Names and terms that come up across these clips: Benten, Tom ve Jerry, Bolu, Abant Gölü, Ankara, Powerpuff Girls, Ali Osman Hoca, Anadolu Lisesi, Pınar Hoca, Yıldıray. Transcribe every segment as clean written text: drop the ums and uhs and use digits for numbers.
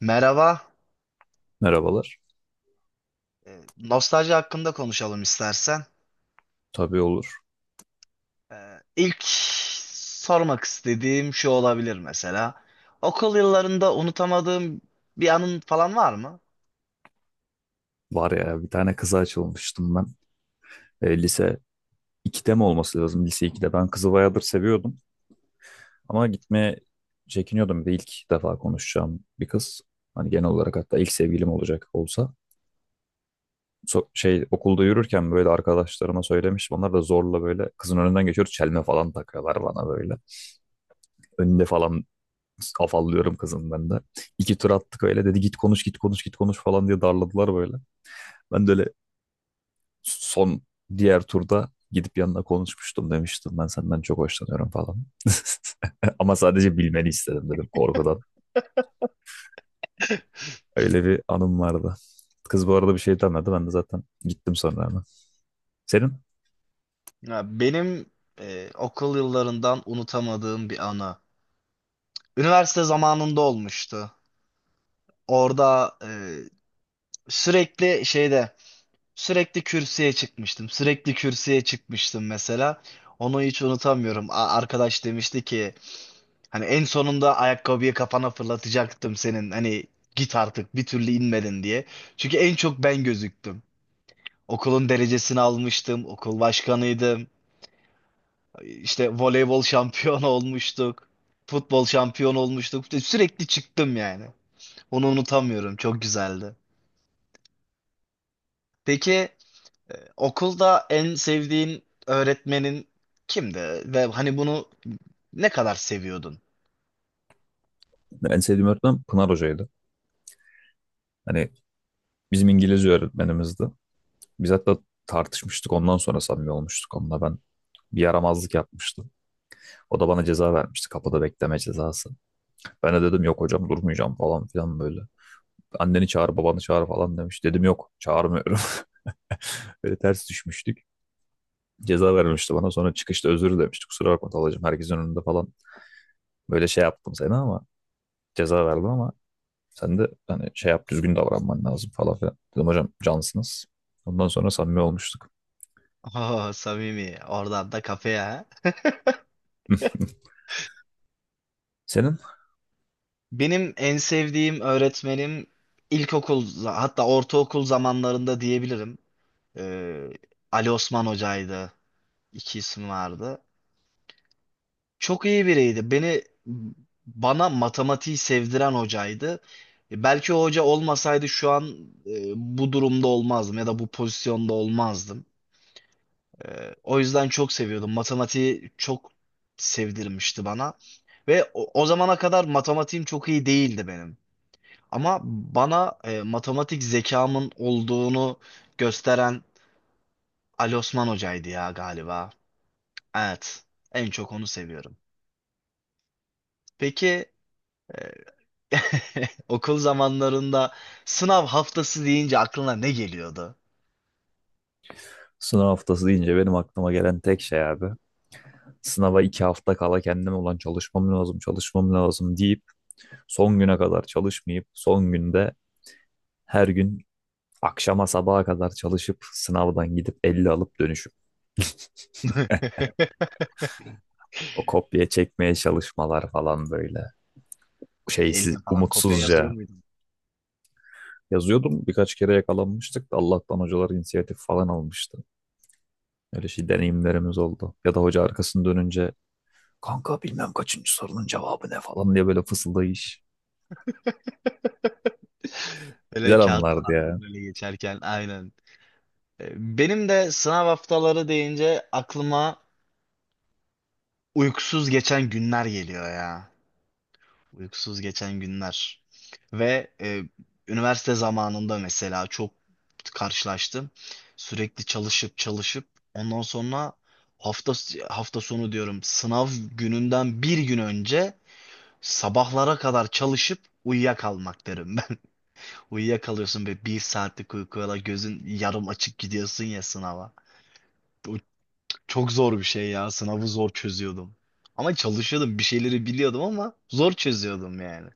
Merhaba. Merhabalar. Nostalji hakkında konuşalım istersen. Tabii olur. İlk sormak istediğim şu olabilir mesela. Okul yıllarında unutamadığım bir anın falan var mı? Var ya bir tane kıza açılmıştım ben. Lise 2'de mi olması lazım? Lise 2'de. Ben kızı bayağıdır seviyordum. Ama gitmeye çekiniyordum. Bir de ilk defa konuşacağım bir kız. Hani genel olarak hatta ilk sevgilim olacak olsa. Okulda yürürken böyle arkadaşlarıma söylemiştim. Onlar da zorla böyle kızın önünden geçiyor. Çelme falan takıyorlar bana böyle. Önünde falan afallıyorum kızın ben de. İki tur attık öyle. Dedi git konuş git konuş git konuş falan diye darladılar böyle. Ben de öyle son diğer turda gidip yanına konuşmuştum demiştim. Ben senden çok hoşlanıyorum falan. Ama sadece bilmeni istedim dedim korkudan. Öyle bir anım vardı. Kız bu arada bir şey demedi. Ben de zaten gittim sonra hemen. Senin Ya benim okul yıllarından unutamadığım bir anı. Üniversite zamanında olmuştu. Orada sürekli şeyde sürekli kürsüye çıkmıştım. Sürekli kürsüye çıkmıştım mesela. Onu hiç unutamıyorum. Arkadaş demişti ki, hani en sonunda ayakkabıyı kafana fırlatacaktım senin. Hani git artık, bir türlü inmedin diye. Çünkü en çok ben gözüktüm. Okulun derecesini almıştım. Okul başkanıydım. İşte voleybol şampiyonu olmuştuk. Futbol şampiyonu olmuştuk. İşte sürekli çıktım yani. Onu unutamıyorum. Çok güzeldi. Peki, okulda en sevdiğin öğretmenin kimdi? Ve hani bunu ne kadar seviyordun? en sevdiğim öğretmen Pınar Hoca'ydı. Hani bizim İngilizce öğretmenimizdi. Biz hatta tartışmıştık. Ondan sonra samimi olmuştuk. Onunla ben bir yaramazlık yapmıştım. O da bana ceza vermişti. Kapıda bekleme cezası. Ben de dedim yok hocam durmayacağım falan filan böyle. Anneni çağır, babanı çağır falan demiş. Dedim yok, çağırmıyorum. Böyle ters düşmüştük. Ceza vermişti bana. Sonra çıkışta özür demişti. Kusura bakma Talacığım, herkesin önünde falan. Böyle şey yaptım seni ama ceza verdim ama sen de hani şey yap, düzgün davranman lazım falan filan. Dedim hocam cansınız. Ondan sonra samimi olmuştuk. Oh, samimi. Oradan da kafeye. Senin Benim en sevdiğim öğretmenim ilkokul hatta ortaokul zamanlarında diyebilirim. Ee, Ali Osman Hoca'ydı. İki isim vardı. Çok iyi biriydi. Bana matematiği sevdiren hocaydı. Belki o hoca olmasaydı şu an bu durumda olmazdım ya da bu pozisyonda olmazdım. O yüzden çok seviyordum. Matematiği çok sevdirmişti bana. Ve o zamana kadar matematiğim çok iyi değildi benim. Ama bana matematik zekamın olduğunu gösteren Ali Osman Hoca'ydı ya galiba. Evet, en çok onu seviyorum. Peki, e, okul zamanlarında sınav haftası deyince aklına ne geliyordu? sınav haftası deyince benim aklıma gelen tek şey abi. Sınava 2 hafta kala kendime olan çalışmam lazım, çalışmam lazım deyip son güne kadar çalışmayıp son günde her gün akşama sabaha kadar çalışıp sınavdan gidip 50 alıp dönüşüp o kopya çekmeye çalışmalar falan böyle Eline şeysiz falan kopya yazıyor umutsuzca muydun? yazıyordum. Birkaç kere yakalanmıştık da Allah'tan hocalar inisiyatif falan almıştı. Öyle şey deneyimlerimiz oldu. Ya da hoca arkasını dönünce kanka bilmem kaçıncı sorunun cevabı ne falan diye böyle fısıldayış. Böyle Güzel anlardı kağıttan ya. falan öyle geçerken aynen. Benim de sınav haftaları deyince aklıma uykusuz geçen günler geliyor ya. Uykusuz geçen günler. Ve üniversite zamanında mesela çok karşılaştım. Sürekli çalışıp çalışıp ondan sonra hafta hafta sonu diyorum, sınav gününden bir gün önce sabahlara kadar çalışıp uyuyakalmak derim ben. Uyuyakalıyorsun ve bir saatlik uykuyla gözün yarım açık gidiyorsun ya sınava. Bu çok zor bir şey ya. Sınavı zor çözüyordum. Ama çalışıyordum, bir şeyleri biliyordum ama zor çözüyordum yani.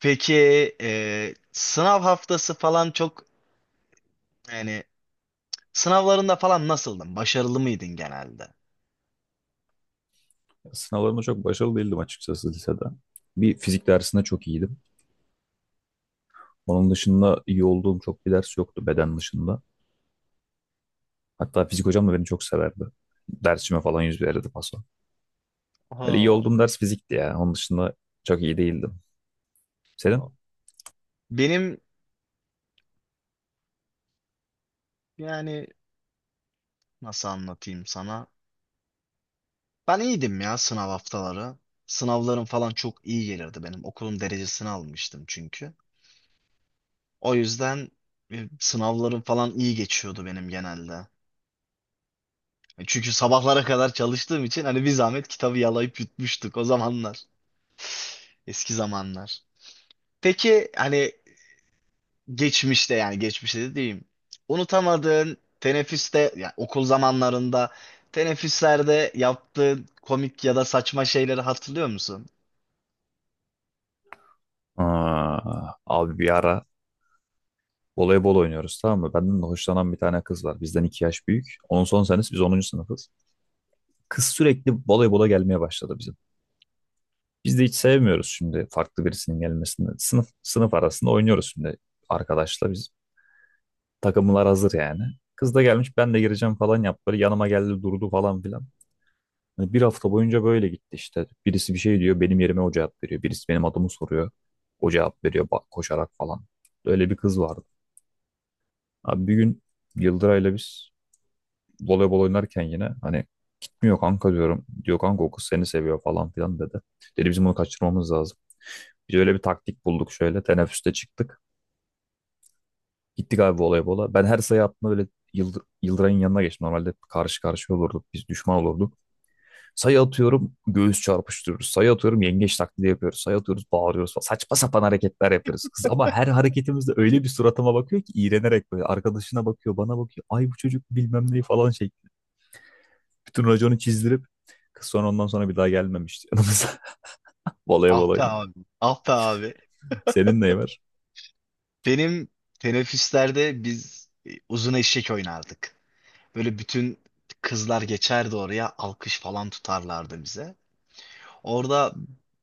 Peki, sınav haftası falan çok, yani sınavlarında falan nasıldın? Başarılı mıydın genelde? Sınavlarımda çok başarılı değildim açıkçası lisede. Bir fizik dersinde çok iyiydim. Onun dışında iyi olduğum çok bir ders yoktu beden dışında. Hatta fizik hocam da beni çok severdi. Dersime falan yüz verirdi paso. Öyle iyi Ha, olduğum ders fizikti ya. Onun dışında çok iyi değildim. ha. Senin? Benim, yani nasıl anlatayım sana? Ben iyiydim ya sınav haftaları. Sınavlarım falan çok iyi gelirdi benim. Okulun derecesini almıştım çünkü. O yüzden sınavlarım falan iyi geçiyordu benim genelde. Çünkü sabahlara kadar çalıştığım için hani bir zahmet kitabı yalayıp yutmuştuk o zamanlar. Eski zamanlar. Peki hani geçmişte, yani geçmişte de diyeyim, unutamadığın teneffüste, yani okul zamanlarında teneffüslerde yaptığın komik ya da saçma şeyleri hatırlıyor musun? Aa, abi bir ara voleybol oynuyoruz tamam mı? Benden de hoşlanan bir tane kız var. Bizden 2 yaş büyük. Onun son senesi biz onuncu sınıfız. Kız sürekli voleybola gelmeye başladı bizim. Biz de hiç sevmiyoruz şimdi farklı birisinin gelmesini. Sınıf sınıf arasında oynuyoruz şimdi arkadaşla biz. Takımlar hazır yani. Kız da gelmiş ben de gireceğim falan yaptı. Böyle yanıma geldi durdu falan filan. Hani bir hafta boyunca böyle gitti işte. Birisi bir şey diyor, benim yerime o cevap veriyor. Birisi benim adımı soruyor, o cevap veriyor koşarak falan. Öyle bir kız vardı. Abi bir gün Yıldıray'la biz voleybol oynarken yine hani gitmiyor kanka diyorum. Diyor kanka o kız seni seviyor falan filan dedi. Dedi bizim bunu kaçırmamız lazım. Biz öyle bir taktik bulduk şöyle. Teneffüste çıktık. Gittik abi voleybola. Ben her sayı attığımda böyle Yıldıray'ın yanına geçtim. Normalde karşı karşıya olurduk. Biz düşman olurduk. Sayı atıyorum göğüs çarpıştırıyoruz. Sayı atıyorum yengeç taklidi yapıyoruz. Sayı atıyoruz bağırıyoruz falan. Saçma sapan hareketler yapıyoruz. Kız ama her hareketimizde öyle bir suratıma bakıyor ki iğrenerek böyle. Arkadaşına bakıyor bana bakıyor. Ay bu çocuk bilmem neyi falan şey. Bütün raconu çizdirip kız ondan sonra bir daha gelmemişti yanımıza. Volaya Ah be balayına abi. Ah be abi. senin neyi var? Benim teneffüslerde biz uzun eşek oynardık. Böyle bütün kızlar geçerdi oraya, alkış falan tutarlardı bize. Orada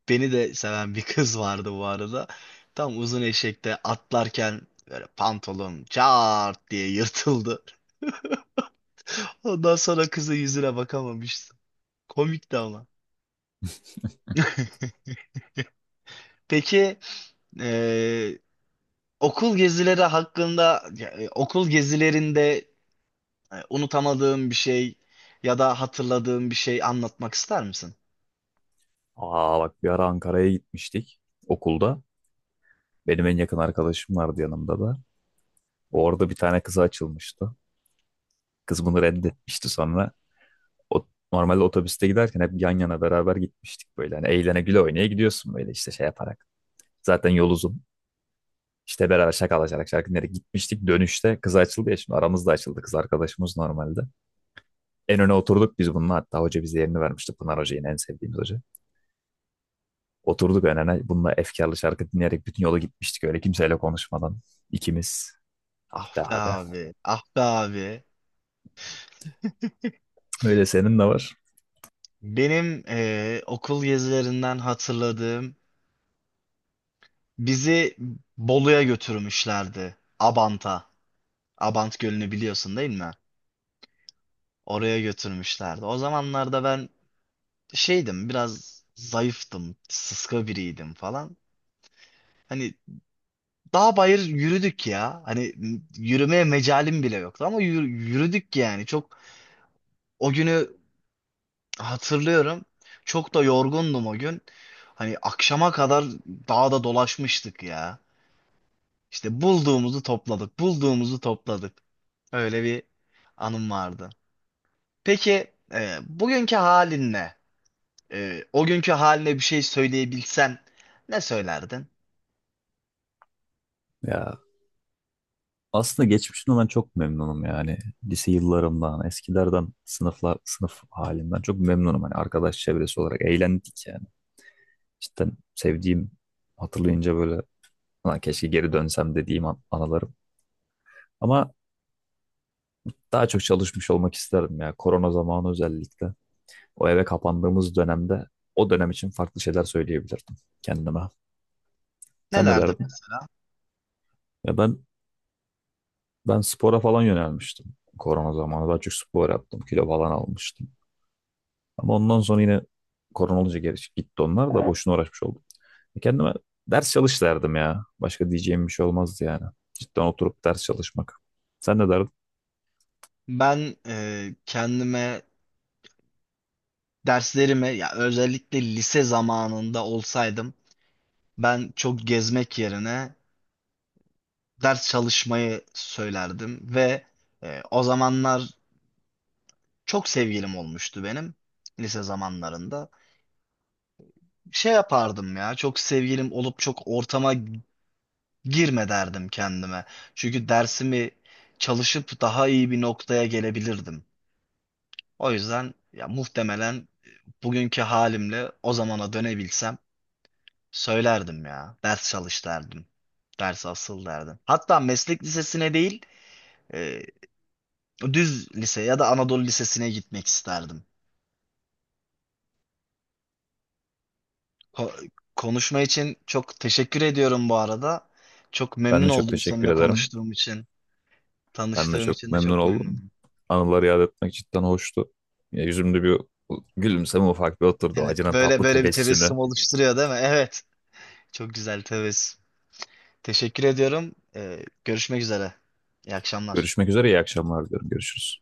beni de seven bir kız vardı bu arada. Tam uzun eşekte atlarken böyle pantolon çat diye yırtıldı. Ondan sonra kızın yüzüne bakamamıştım. Komikti ama. Peki eee, okul gezileri hakkında ya, okul gezilerinde unutamadığın bir şey ya da hatırladığın bir şey anlatmak ister misin? Aa bak bir ara Ankara'ya gitmiştik okulda. Benim en yakın arkadaşım vardı yanımda da. Orada bir tane kıza açılmıştı. Kız bunu reddetmişti sonra. O, normalde otobüste giderken hep yan yana beraber gitmiştik böyle. Hani eğlene güle oynaya gidiyorsun böyle işte şey yaparak. Zaten yol uzun. İşte beraber şakalaşarak şarkı dinleyerek gitmiştik. Dönüşte kız açıldı ya şimdi aramızda açıldı kız arkadaşımız normalde. En öne oturduk biz bununla hatta hoca bize yerini vermişti. Pınar Hoca yine en sevdiğimiz hoca. Oturduk en öne bununla efkarlı şarkı dinleyerek bütün yolu gitmiştik öyle kimseyle konuşmadan. İkimiz. Ah Ah be be abi. abi, ah be abi. Öyle senin de var. Benim okul gezilerinden hatırladığım, bizi Bolu'ya götürmüşlerdi. Abant'a. Abant Gölü'nü biliyorsun değil mi? Oraya götürmüşlerdi. O zamanlarda ben şeydim, biraz zayıftım, sıska biriydim falan. Hani dağ bayır yürüdük ya. Hani yürümeye mecalim bile yoktu ama yürüdük yani. Çok o günü hatırlıyorum. Çok da yorgundum o gün. Hani akşama kadar dağda dolaşmıştık ya. İşte bulduğumuzu topladık, bulduğumuzu topladık. Öyle bir anım vardı. Peki bugünkü halinle, o günkü haline bir şey söyleyebilsen ne söylerdin? Ya aslında geçmişten olan çok memnunum yani. Lise yıllarımdan, eskilerden, sınıflar, sınıf halimden çok memnunum. Hani arkadaş çevresi olarak eğlendik yani. Cidden sevdiğim, hatırlayınca böyle "Ulan keşke geri dönsem" dediğim anılarım. Ama daha çok çalışmış olmak isterdim ya. Korona zamanı özellikle. O eve kapandığımız dönemde o dönem için farklı şeyler söyleyebilirdim kendime. Ne Sen ne derdin? derdin? Ya ben spora falan yönelmiştim. Korona zamanı daha çok spor yaptım. Kilo falan almıştım. Ama ondan sonra yine korona olunca geri gitti onlar da boşuna uğraşmış oldum. Kendime ders çalış derdim ya. Başka diyeceğim bir şey olmazdı yani. Cidden oturup ders çalışmak. Sen ne derdin? Ben kendime, derslerime ya, özellikle lise zamanında olsaydım ben çok gezmek yerine ders çalışmayı söylerdim ve o zamanlar çok sevgilim olmuştu benim lise zamanlarında. Şey yapardım ya, çok sevgilim olup çok ortama girme derdim kendime. Çünkü dersimi çalışıp daha iyi bir noktaya gelebilirdim. O yüzden ya muhtemelen bugünkü halimle o zamana dönebilsem söylerdim ya. Ders çalış derdim. Ders asıl derdim. Hatta meslek lisesine değil, e, düz lise ya da Anadolu Lisesi'ne gitmek isterdim. Ko- Konuşma için çok teşekkür ediyorum bu arada. Çok Ben memnun de çok oldum teşekkür seninle ederim. konuştuğum için. Ben de Tanıştığım çok için de memnun çok oldum. memnunum. Anıları yad etmek cidden hoştu. Ya yüzümde bir gülümseme ufak bir oturdu. Evet, Acının tatlı böyle bir tebessüm tebessümü. oluşturuyor değil mi? Evet, çok güzel tebessüm. Teşekkür ediyorum. Görüşmek üzere. İyi akşamlar. Görüşmek üzere iyi akşamlar diyorum. Görüşürüz.